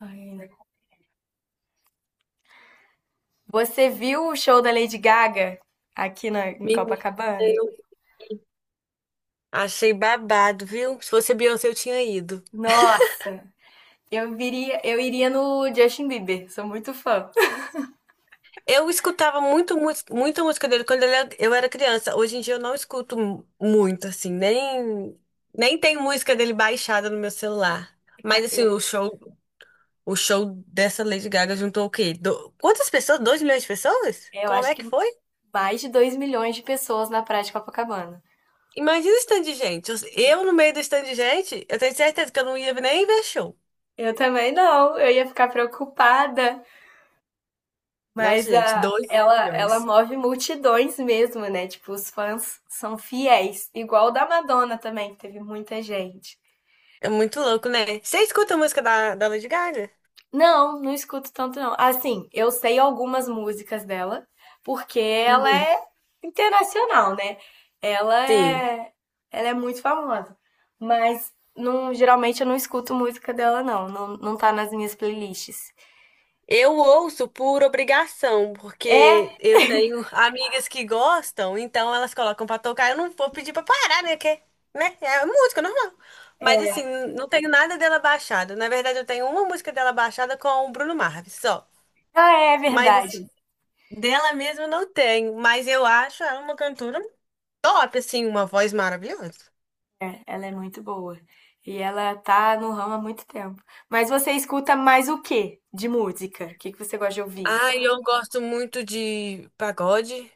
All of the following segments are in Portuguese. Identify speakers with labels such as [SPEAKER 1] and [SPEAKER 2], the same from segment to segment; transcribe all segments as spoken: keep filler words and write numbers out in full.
[SPEAKER 1] Ai, ainda. Você viu o show da Lady Gaga aqui na, em
[SPEAKER 2] Menina,
[SPEAKER 1] Copacabana?
[SPEAKER 2] eu achei babado, viu? Se fosse Beyoncé, eu tinha ido.
[SPEAKER 1] Nossa! Eu viria, eu iria no Justin Bieber, sou muito fã.
[SPEAKER 2] Eu escutava muito, muito, muita música dele quando ele era- eu era criança. Hoje em dia eu não escuto mu- muito, assim, nem, nem tem música dele baixada no meu celular. Mas
[SPEAKER 1] Ca- Eu,
[SPEAKER 2] assim, o show, o show dessa Lady Gaga juntou o quê? Do- quantas pessoas? Dois milhões de pessoas?
[SPEAKER 1] Eu
[SPEAKER 2] Como
[SPEAKER 1] acho
[SPEAKER 2] é
[SPEAKER 1] que
[SPEAKER 2] que foi?
[SPEAKER 1] mais de dois milhões de pessoas na praia de Copacabana.
[SPEAKER 2] Imagina o stand de gente. Eu eu no meio do stand de gente, eu tenho certeza que eu não ia nem ver show.
[SPEAKER 1] Eu também não, eu ia ficar preocupada,
[SPEAKER 2] Nossa,
[SPEAKER 1] mas
[SPEAKER 2] gente,
[SPEAKER 1] a,
[SPEAKER 2] dois
[SPEAKER 1] ela, ela
[SPEAKER 2] milhões.
[SPEAKER 1] move multidões mesmo, né? Tipo, os fãs são fiéis, igual o da Madonna também, que teve muita gente.
[SPEAKER 2] É muito louco, né? Você escuta a música da, da Lady Gaga?
[SPEAKER 1] Não, não escuto tanto não. Assim, eu sei algumas músicas dela, porque ela
[SPEAKER 2] Uhum.
[SPEAKER 1] é internacional, né? Ela
[SPEAKER 2] Sim.
[SPEAKER 1] é, ela é muito famosa. Mas não, geralmente eu não escuto música dela não, não, não tá nas minhas playlists.
[SPEAKER 2] Eu ouço por obrigação, porque
[SPEAKER 1] É,
[SPEAKER 2] eu tenho amigas que gostam, então elas colocam pra tocar. Eu não vou pedir pra parar, né? Que, né? É música normal. Mas assim, não tenho nada dela baixada. Na verdade, eu tenho uma música dela baixada com o Bruno Mars, só.
[SPEAKER 1] ela é
[SPEAKER 2] Mas
[SPEAKER 1] verdade.
[SPEAKER 2] assim, dela mesma eu não tenho. Mas eu acho ela uma cantora top, assim, uma voz maravilhosa.
[SPEAKER 1] Ela é muito boa. E ela tá no ramo há muito tempo. Mas você escuta mais o quê de música? O que que você gosta de ouvir?
[SPEAKER 2] Ah, eu gosto muito de pagode,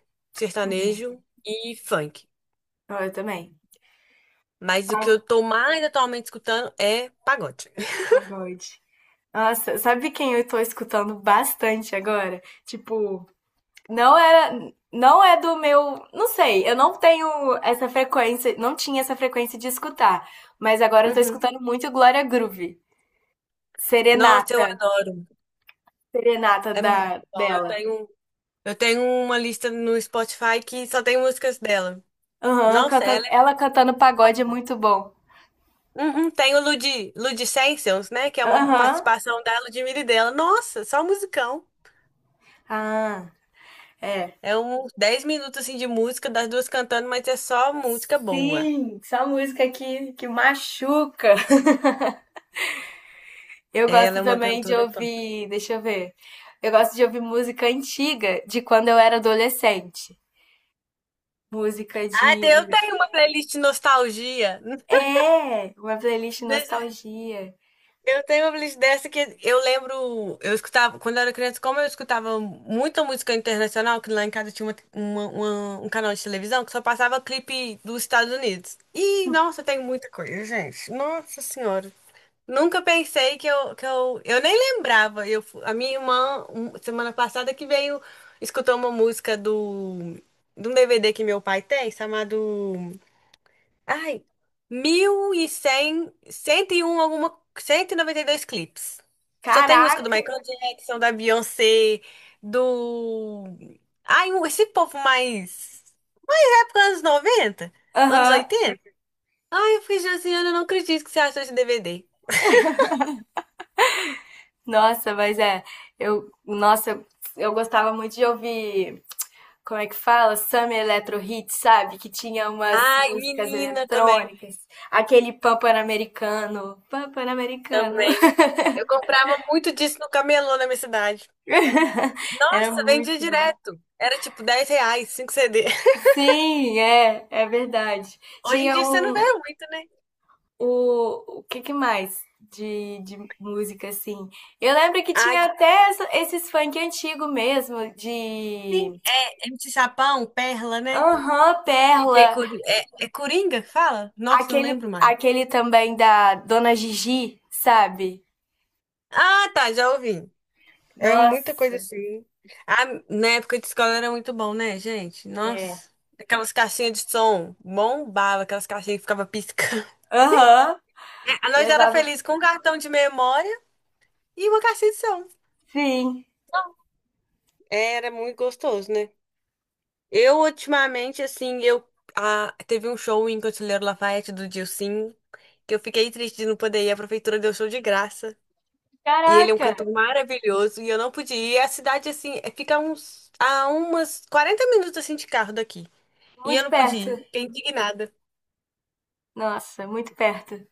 [SPEAKER 1] Uhum.
[SPEAKER 2] sertanejo e funk.
[SPEAKER 1] Ah, eu também.
[SPEAKER 2] Mas o que
[SPEAKER 1] Pa-
[SPEAKER 2] eu tô mais atualmente escutando é pagode.
[SPEAKER 1] Pagode. Nossa, sabe quem eu tô escutando bastante agora? Tipo, não era, não é do meu, não sei, eu não tenho essa frequência, não tinha essa frequência de escutar, mas agora eu tô
[SPEAKER 2] Uhum.
[SPEAKER 1] escutando muito Glória Groove,
[SPEAKER 2] Nossa, eu
[SPEAKER 1] Serenata,
[SPEAKER 2] adoro.
[SPEAKER 1] Serenata
[SPEAKER 2] É
[SPEAKER 1] da
[SPEAKER 2] muito bom. Eu
[SPEAKER 1] dela.
[SPEAKER 2] tenho, eu tenho uma lista no Spotify que só tem músicas dela.
[SPEAKER 1] Aham,
[SPEAKER 2] Nossa,
[SPEAKER 1] cantando,
[SPEAKER 2] ela é
[SPEAKER 1] ela cantando pagode é
[SPEAKER 2] pop.
[SPEAKER 1] muito bom.
[SPEAKER 2] Uhum, tem o Lud, Ludicentials, né? Que é uma
[SPEAKER 1] Aham.
[SPEAKER 2] participação da Ludmilla e dela. Nossa, só musicão.
[SPEAKER 1] Ah, é.
[SPEAKER 2] É uns dez minutos assim, de música, das duas cantando, mas é só música boa.
[SPEAKER 1] Sim, essa música que que machuca. Eu
[SPEAKER 2] Ela
[SPEAKER 1] gosto
[SPEAKER 2] é uma
[SPEAKER 1] também de
[SPEAKER 2] cantora punk.
[SPEAKER 1] ouvir, deixa eu ver. Eu gosto de ouvir música antiga de quando eu era adolescente. Música
[SPEAKER 2] Ah, eu
[SPEAKER 1] de.
[SPEAKER 2] tenho uma playlist de nostalgia.
[SPEAKER 1] É, uma playlist
[SPEAKER 2] Desse-
[SPEAKER 1] nostalgia.
[SPEAKER 2] Eu tenho uma playlist dessa que eu lembro, eu escutava, quando eu era criança, como eu escutava muita música internacional, que lá em casa tinha uma- uma- uma- um canal de televisão que só passava clipe dos Estados Unidos. E, nossa, tem muita coisa, gente. Nossa Senhora. Nunca pensei que eu, que eu, eu nem lembrava. Eu, fu- a minha irmã, um- semana passada, que veio, escutou uma música do, de um D V D que meu pai tem, chamado... Ai, mil e cem cento e um alguma, cento e e noventa e dois clipes. Só tem música do
[SPEAKER 1] Caraca!
[SPEAKER 2] Michael Jackson, da Beyoncé, do... Ai, um- esse povo mais... da época anos noventa? Anos
[SPEAKER 1] Aham.
[SPEAKER 2] oitenta? Ai, eu fiquei, Josiana, eu não acredito que você achou esse D V D.
[SPEAKER 1] Nossa, mas é. Eu, nossa, eu gostava muito de ouvir. Como é que fala? Summer Electro Hits, sabe? Que tinha umas
[SPEAKER 2] Ai,
[SPEAKER 1] músicas
[SPEAKER 2] menina, também,
[SPEAKER 1] eletrônicas. Aquele pan pan-americano. Pan pan-americano.
[SPEAKER 2] também. Eu comprava muito disso no camelô na minha cidade.
[SPEAKER 1] Era
[SPEAKER 2] Nossa, vendia
[SPEAKER 1] muito bom.
[SPEAKER 2] direto. Era tipo dez reais, cinco C D.
[SPEAKER 1] Sim, é, é verdade.
[SPEAKER 2] Hoje em
[SPEAKER 1] Tinha
[SPEAKER 2] dia você não vê
[SPEAKER 1] um,
[SPEAKER 2] muito, né?
[SPEAKER 1] o, o que que mais de, de música, assim? Eu lembro que
[SPEAKER 2] Ah,
[SPEAKER 1] tinha até essa- esses funk antigo mesmo, de...
[SPEAKER 2] sim, é M C Sapão, Perla, né?
[SPEAKER 1] Aham,
[SPEAKER 2] D J
[SPEAKER 1] Perla,
[SPEAKER 2] Coringa. É, é Coringa que fala? Nossa, não
[SPEAKER 1] aquele,
[SPEAKER 2] lembro mais.
[SPEAKER 1] aquele também da Dona Gigi, sabe?
[SPEAKER 2] Ah, tá, já ouvi. É muita coisa
[SPEAKER 1] Nossa,
[SPEAKER 2] assim. Ah, na época de escola era muito bom, né, gente?
[SPEAKER 1] é.
[SPEAKER 2] Nossa. Aquelas caixinhas de som bombava, aquelas caixinhas que ficava piscando.
[SPEAKER 1] Aham,
[SPEAKER 2] É, nós era
[SPEAKER 1] levava...
[SPEAKER 2] feliz com um cartão de memória e uma caixinha de som.
[SPEAKER 1] Sim.
[SPEAKER 2] Era muito gostoso, né? Eu, ultimamente, assim, eu. Ah, teve um show em Conselheiro Lafayette do Dilsim, que eu fiquei triste de não poder ir. A prefeitura deu show de graça. E ele é um
[SPEAKER 1] Caraca,
[SPEAKER 2] cantor maravilhoso e eu não podia ir. E a cidade, assim, é- fica a uns, a umas quarenta minutos assim de carro daqui. E eu
[SPEAKER 1] muito
[SPEAKER 2] não podia
[SPEAKER 1] perto.
[SPEAKER 2] ir. Fiquei indignada.
[SPEAKER 1] Nossa, muito perto.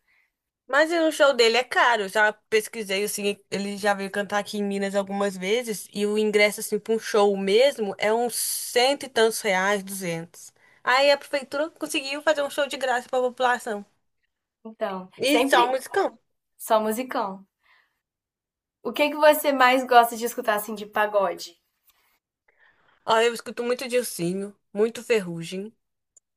[SPEAKER 2] Mas o show dele é caro. Eu já pesquisei assim, ele já veio cantar aqui em Minas algumas vezes e o ingresso assim para um show mesmo é uns cento e tantos reais, duzentos. Aí a prefeitura conseguiu fazer um show de graça para a população.
[SPEAKER 1] Então,
[SPEAKER 2] E só
[SPEAKER 1] sempre
[SPEAKER 2] musicão.
[SPEAKER 1] só musicão. O que que você mais gosta de escutar, assim, de pagode?
[SPEAKER 2] Ó, eu escuto muito Dilsinho, muito Ferrugem.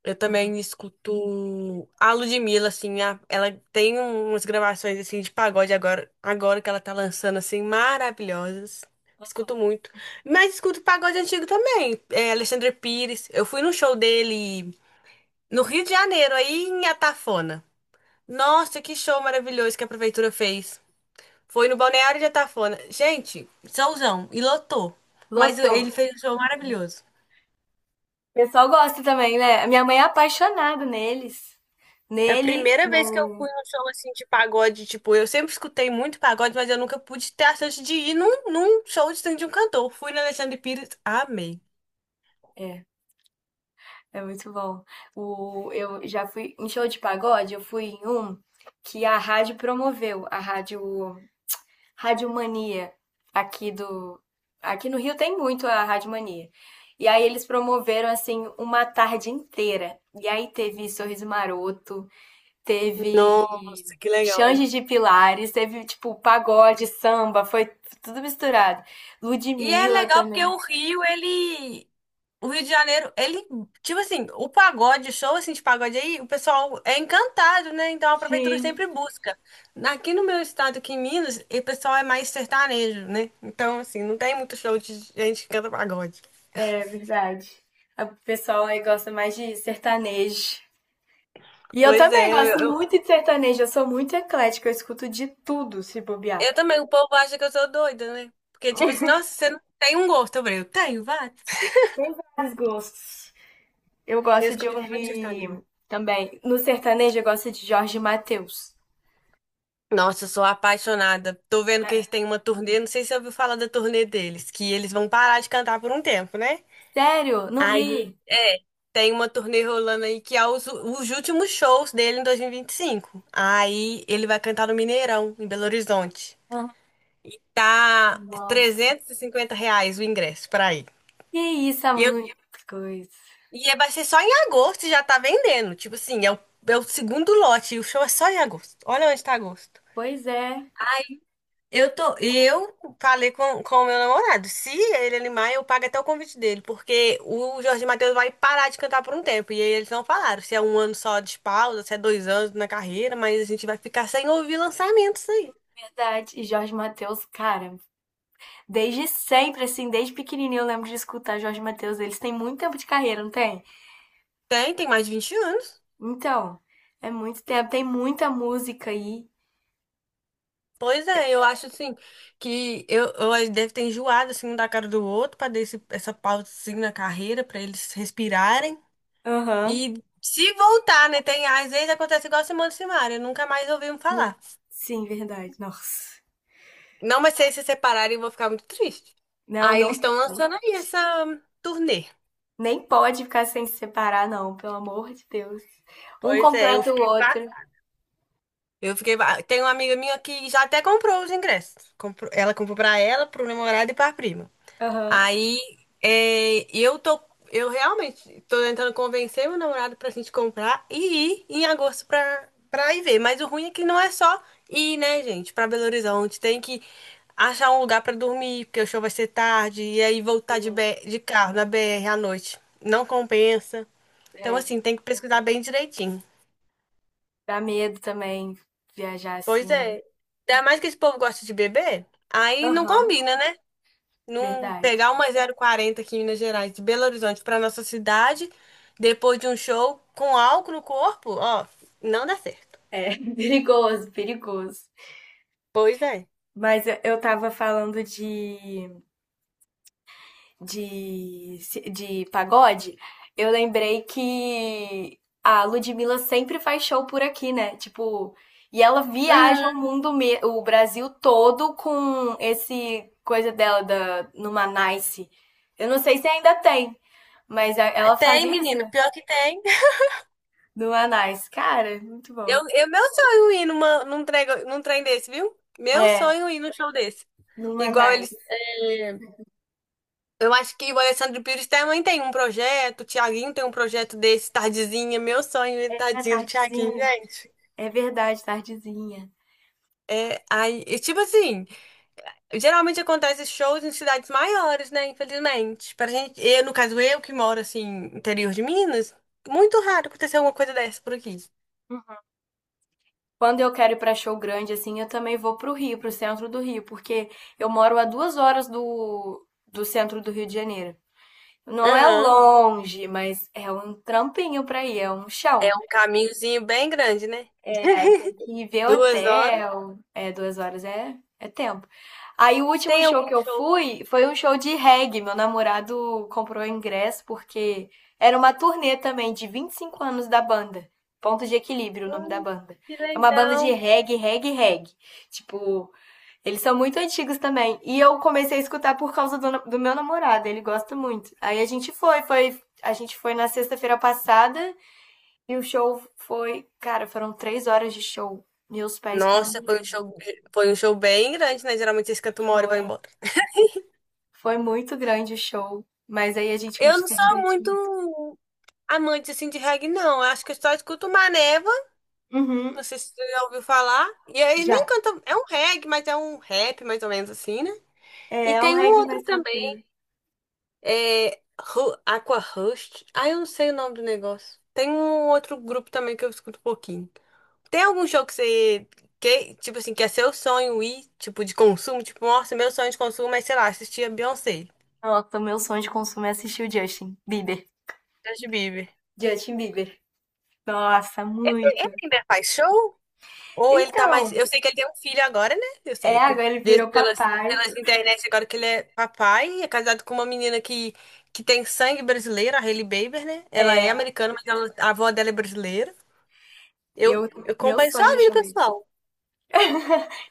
[SPEAKER 2] Eu também escuto a Ludmilla, assim, a- ela tem umas gravações, assim, de pagode agora, agora que ela tá lançando, assim, maravilhosas. Escuto muito. Mas escuto pagode antigo também, é, Alexandre Pires. Eu fui no show dele no Rio de Janeiro, aí em Atafona. Nossa, que show maravilhoso que a prefeitura fez. Foi no Balneário de Atafona. Gente, showzão, e lotou. Mas
[SPEAKER 1] Lotou.
[SPEAKER 2] ele fez um show maravilhoso.
[SPEAKER 1] O pessoal gosta também, né? A minha mãe é apaixonada neles.
[SPEAKER 2] É a
[SPEAKER 1] Nele,
[SPEAKER 2] primeira vez que eu
[SPEAKER 1] no.
[SPEAKER 2] fui num show assim de pagode, tipo, eu sempre escutei muito pagode, mas eu nunca pude ter a chance de ir num, num show de de um cantor. Fui na Alexandre Pires, amei.
[SPEAKER 1] É, é muito bom. O, eu já fui em show de pagode, eu fui em um que a rádio promoveu, a rádio, rádio Mania, aqui do. Aqui no Rio tem muito a Rádio Mania. E aí eles promoveram, assim, uma tarde inteira. E aí teve Sorriso Maroto, teve
[SPEAKER 2] Nossa, que legal.
[SPEAKER 1] Xande de Pilares, teve tipo pagode, samba, foi tudo misturado.
[SPEAKER 2] E é
[SPEAKER 1] Ludmilla
[SPEAKER 2] legal porque
[SPEAKER 1] também.
[SPEAKER 2] o Rio, ele. O Rio de Janeiro, ele. Tipo assim, o pagode, o show assim de pagode aí, o pessoal é encantado, né? Então a prefeitura
[SPEAKER 1] Sim,
[SPEAKER 2] sempre busca. Aqui no meu estado, aqui em Minas, o pessoal é mais sertanejo, né? Então, assim, não tem muito show de gente que canta pagode.
[SPEAKER 1] é verdade. O pessoal aí gosta mais de sertanejo. E eu
[SPEAKER 2] Pois
[SPEAKER 1] também
[SPEAKER 2] é, eu,
[SPEAKER 1] gosto
[SPEAKER 2] eu-
[SPEAKER 1] muito de sertanejo, eu sou muito eclética, eu escuto de tudo, se bobear.
[SPEAKER 2] eu também, o povo acha que eu sou doida, né? Porque, tipo assim, nossa, você não tem um gosto. Eu falei, eu tenho, vai.
[SPEAKER 1] Tem vários gostos. Eu
[SPEAKER 2] Eu
[SPEAKER 1] gosto de
[SPEAKER 2] escuto muito
[SPEAKER 1] ouvir
[SPEAKER 2] história.
[SPEAKER 1] também. No sertanejo, eu gosto de Jorge Mateus.
[SPEAKER 2] Nossa, eu sou apaixonada. Tô vendo que eles têm uma turnê, não sei se você ouviu falar da turnê deles, que eles vão parar de cantar por um tempo, né?
[SPEAKER 1] Sério? Não
[SPEAKER 2] Aí,
[SPEAKER 1] vi.
[SPEAKER 2] é, tem uma turnê rolando aí que é os, os últimos shows dele em dois mil e e vinte e cinco. Aí ele vai cantar no Mineirão, em Belo Horizonte.
[SPEAKER 1] Ah,
[SPEAKER 2] Tá
[SPEAKER 1] nossa.
[SPEAKER 2] trezentos e cinquenta reais o ingresso pra ir.
[SPEAKER 1] Que isso, há muita coisa.
[SPEAKER 2] E é- vai ser só em agosto e já tá vendendo. Tipo assim, é o, é o segundo lote e o show é só em agosto. Olha onde tá agosto.
[SPEAKER 1] Pois é,
[SPEAKER 2] Eu tô, eu falei com, com o meu namorado. Se ele animar, eu pago até o convite dele, porque o Jorge Mateus vai parar de cantar por um tempo. E aí eles não falaram se é um ano só de pausa, se é dois anos na carreira, mas a gente vai ficar sem ouvir lançamentos aí.
[SPEAKER 1] verdade. E Jorge Mateus, cara, desde sempre, assim, desde pequenininho eu lembro de escutar Jorge Mateus. Eles têm muito tempo de carreira, não tem?
[SPEAKER 2] Tem, tem mais de vinte anos.
[SPEAKER 1] Então, é muito tempo. Tem muita música aí.
[SPEAKER 2] Pois é, eu acho assim que eu, eu deve ter enjoado assim um da cara do outro para dar esse- essa pausa assim, na carreira para eles respirarem
[SPEAKER 1] Aham.
[SPEAKER 2] e se voltar, né? Tem às vezes acontece igual a Simone e Simaria, nunca mais ouvimos
[SPEAKER 1] No-
[SPEAKER 2] falar.
[SPEAKER 1] Sim, verdade. Nossa.
[SPEAKER 2] Não, mas se eles se separarem, eu vou ficar muito triste.
[SPEAKER 1] Não,
[SPEAKER 2] Aí
[SPEAKER 1] não,
[SPEAKER 2] eles estão lançando
[SPEAKER 1] não.
[SPEAKER 2] aí essa turnê.
[SPEAKER 1] Nem pode ficar sem se separar, não, pelo amor de Deus. Um
[SPEAKER 2] Pois é. Eu
[SPEAKER 1] completa o
[SPEAKER 2] fiquei pra...
[SPEAKER 1] outro.
[SPEAKER 2] eu fiquei pra- tem uma amiga minha que já até comprou os ingressos. Comprou- Ela comprou para ela, pro namorado e para prima.
[SPEAKER 1] Aham.
[SPEAKER 2] Aí é, eu tô, eu realmente tô tentando convencer meu namorado pra gente comprar e ir em agosto pra, pra ir ver. Mas o ruim é que não é só ir, né, gente, pra Belo Horizonte. Tem que achar um lugar pra dormir, porque o show vai ser tarde, e aí voltar de, B- de carro na B R à noite. Não compensa. Então,
[SPEAKER 1] É,
[SPEAKER 2] assim, tem que pesquisar bem direitinho.
[SPEAKER 1] dá medo também viajar
[SPEAKER 2] Pois
[SPEAKER 1] assim.
[SPEAKER 2] é. Ainda mais que esse povo gosta de beber, aí não
[SPEAKER 1] Aham.
[SPEAKER 2] combina, né? Num,
[SPEAKER 1] Verdade.
[SPEAKER 2] pegar uma zero quarenta aqui em Minas Gerais, de Belo Horizonte pra nossa cidade, depois de um show com álcool no corpo, ó, não dá certo.
[SPEAKER 1] É, perigoso, perigoso.
[SPEAKER 2] Pois é.
[SPEAKER 1] Mas eu eu tava falando de, de, de pagode, eu lembrei que a Ludmilla sempre faz show por aqui, né? Tipo, e ela viaja o
[SPEAKER 2] Uhum.
[SPEAKER 1] mundo, me- o Brasil todo com esse coisa dela da, numa Nice. Eu não sei se ainda tem, mas a- ela
[SPEAKER 2] Tem,
[SPEAKER 1] fazia isso
[SPEAKER 2] menino,
[SPEAKER 1] né?
[SPEAKER 2] pior que tem.
[SPEAKER 1] Numa Nice. Cara, muito bom.
[SPEAKER 2] Eu, eu, meu sonho é ir numa, num trem, num trem desse, viu? Meu
[SPEAKER 1] É,
[SPEAKER 2] sonho é ir num show desse.
[SPEAKER 1] numa
[SPEAKER 2] Igual eles.
[SPEAKER 1] Nice.
[SPEAKER 2] É, eu acho que o Alessandro Pires também tem um projeto, o Thiaguinho tem um projeto desse, Tardezinha. Meu sonho é
[SPEAKER 1] É
[SPEAKER 2] tadinho do Thiaguinho,
[SPEAKER 1] tardezinha.
[SPEAKER 2] gente.
[SPEAKER 1] É verdade, tardezinha.
[SPEAKER 2] É, aí, e tipo assim, geralmente acontece shows em cidades maiores, né? Infelizmente. Pra gente, eu, no caso, eu que moro assim, interior de Minas, muito raro acontecer alguma coisa dessa por aqui.
[SPEAKER 1] Quando eu quero ir pra show grande, assim, eu também vou pro Rio, pro centro do Rio, porque eu moro a duas horas do, do centro do Rio de Janeiro. Não é
[SPEAKER 2] Aham.
[SPEAKER 1] longe, mas é um trampinho pra ir, é um chão.
[SPEAKER 2] É um caminhozinho bem grande, né?
[SPEAKER 1] Aí tem que ver
[SPEAKER 2] Duas horas.
[SPEAKER 1] hotel. É, duas horas é, é tempo. Aí o último
[SPEAKER 2] Tem
[SPEAKER 1] show
[SPEAKER 2] algum
[SPEAKER 1] que eu
[SPEAKER 2] show?
[SPEAKER 1] fui foi um show de reggae. Meu namorado comprou o ingresso porque era uma turnê também de vinte e cinco anos da banda. Ponto de Equilíbrio, o nome da
[SPEAKER 2] Ai,
[SPEAKER 1] banda.
[SPEAKER 2] que
[SPEAKER 1] É uma banda de
[SPEAKER 2] legal.
[SPEAKER 1] reggae, reggae, reggae. Tipo, eles são muito antigos também. E eu comecei a escutar por causa do, na- do meu namorado, ele gosta muito. Aí a gente foi, foi, a gente foi na sexta-feira passada e o show foi, cara, foram três horas de show. Meus pés ficaram
[SPEAKER 2] Nossa, foi um
[SPEAKER 1] doendo.
[SPEAKER 2] show, foi um show bem grande, né? Geralmente eles cantam uma hora e vão
[SPEAKER 1] Foi.
[SPEAKER 2] embora.
[SPEAKER 1] Foi muito grande o show. Mas aí a gente
[SPEAKER 2] Eu não
[SPEAKER 1] se
[SPEAKER 2] sou
[SPEAKER 1] divertiu muito.
[SPEAKER 2] muito amante assim de reggae, não. Eu acho que eu só escuto Maneva.
[SPEAKER 1] Uhum,
[SPEAKER 2] Não sei se você já ouviu falar. E aí nem
[SPEAKER 1] já.
[SPEAKER 2] canta. É um reggae, mas é um rap, mais ou menos assim, né?
[SPEAKER 1] É
[SPEAKER 2] E
[SPEAKER 1] é um
[SPEAKER 2] tem um
[SPEAKER 1] reggae
[SPEAKER 2] outro
[SPEAKER 1] mais
[SPEAKER 2] também.
[SPEAKER 1] tranquilo.
[SPEAKER 2] É. Ru- Aqua Rust. Ah, eu não sei o nome do negócio. Tem um outro grupo também que eu escuto um pouquinho. Tem algum show que você. Que, tipo assim, que é seu sonho ir, tipo, de consumo? Tipo, nossa, meu sonho de consumo é, sei lá, assistir a Beyoncé.
[SPEAKER 1] Nossa, o meu sonho de consumo é assistir o Justin Bieber.
[SPEAKER 2] Justin Bieber.
[SPEAKER 1] Justin Bieber. Nossa,
[SPEAKER 2] Ele, ele
[SPEAKER 1] muito.
[SPEAKER 2] ainda faz show? Ou ele tá mais.
[SPEAKER 1] Então,
[SPEAKER 2] Eu sei que ele tem um filho agora, né? Eu
[SPEAKER 1] é,
[SPEAKER 2] sei. Com-
[SPEAKER 1] agora ele
[SPEAKER 2] desde-
[SPEAKER 1] virou
[SPEAKER 2] Pelas,
[SPEAKER 1] papai.
[SPEAKER 2] pelas internet, agora que ele é papai, é casado com uma menina que, que tem sangue brasileiro, a Hailey Bieber, né? Ela é americana, mas ela- a avó dela é brasileira. Eu,
[SPEAKER 1] Eu,
[SPEAKER 2] eu
[SPEAKER 1] meu
[SPEAKER 2] acompanho só
[SPEAKER 1] sonho
[SPEAKER 2] a
[SPEAKER 1] no
[SPEAKER 2] vida
[SPEAKER 1] show dele.
[SPEAKER 2] pessoal.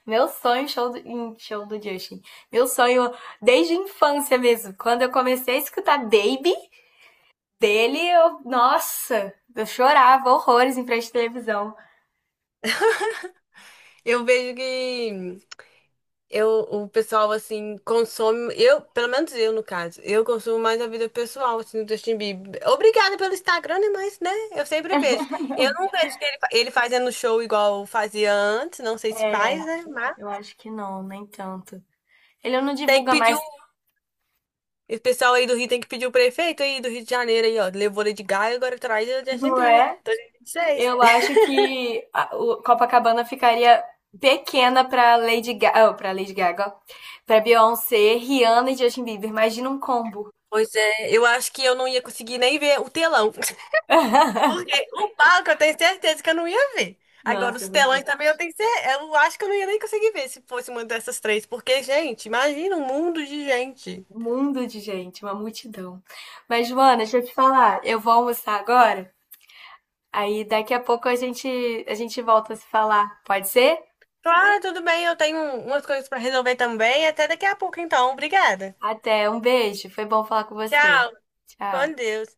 [SPEAKER 1] Meu sonho show do, em show do Justin. Meu sonho desde a infância mesmo. Quando eu comecei a escutar Baby, dele, eu, nossa, eu chorava horrores em frente à televisão.
[SPEAKER 2] Eu vejo que. Eu, o pessoal, assim, consome. Eu, pelo menos eu, no caso, eu consumo mais a vida pessoal, assim, do Justin Bieber. Obrigada pelo Instagram, né? Mas, né? Eu sempre vejo. Eu não vejo ele, fa- ele fazendo show igual fazia antes, não sei se faz,
[SPEAKER 1] É,
[SPEAKER 2] né? Mas
[SPEAKER 1] eu acho que não, nem tanto. Ele não
[SPEAKER 2] tem que
[SPEAKER 1] divulga
[SPEAKER 2] pedir o.
[SPEAKER 1] mais,
[SPEAKER 2] O pessoal aí do Rio tem que pedir o prefeito aí do Rio de Janeiro aí, ó. Levou Lady Gaga, agora traz o Justin
[SPEAKER 1] não
[SPEAKER 2] Bieber.
[SPEAKER 1] é?
[SPEAKER 2] dois mil e vinte e seis.
[SPEAKER 1] Eu acho que a, o Copacabana ficaria pequena para Lady Gaga, oh, para Lady Gaga, para Beyoncé, Rihanna e Justin Bieber. Imagina um combo.
[SPEAKER 2] Pois é, eu acho que eu não ia conseguir nem ver o telão. Porque o palco eu tenho certeza que eu não ia ver. Agora,
[SPEAKER 1] Nossa, é
[SPEAKER 2] os telões
[SPEAKER 1] verdade.
[SPEAKER 2] também eu tenho certeza. Eu acho que eu não ia nem conseguir ver se fosse uma dessas três. Porque, gente, imagina um mundo de gente.
[SPEAKER 1] Um mundo de gente, uma multidão. Mas Joana, deixa eu te falar, eu vou almoçar agora. Aí daqui a pouco a gente a gente volta a se falar. Pode ser?
[SPEAKER 2] Claro, tudo bem, eu tenho um, umas coisas pra resolver também. Até daqui a pouco, então. Obrigada.
[SPEAKER 1] Até, um beijo. Foi bom falar com você.
[SPEAKER 2] Tchau.
[SPEAKER 1] Tchau.
[SPEAKER 2] Com Deus.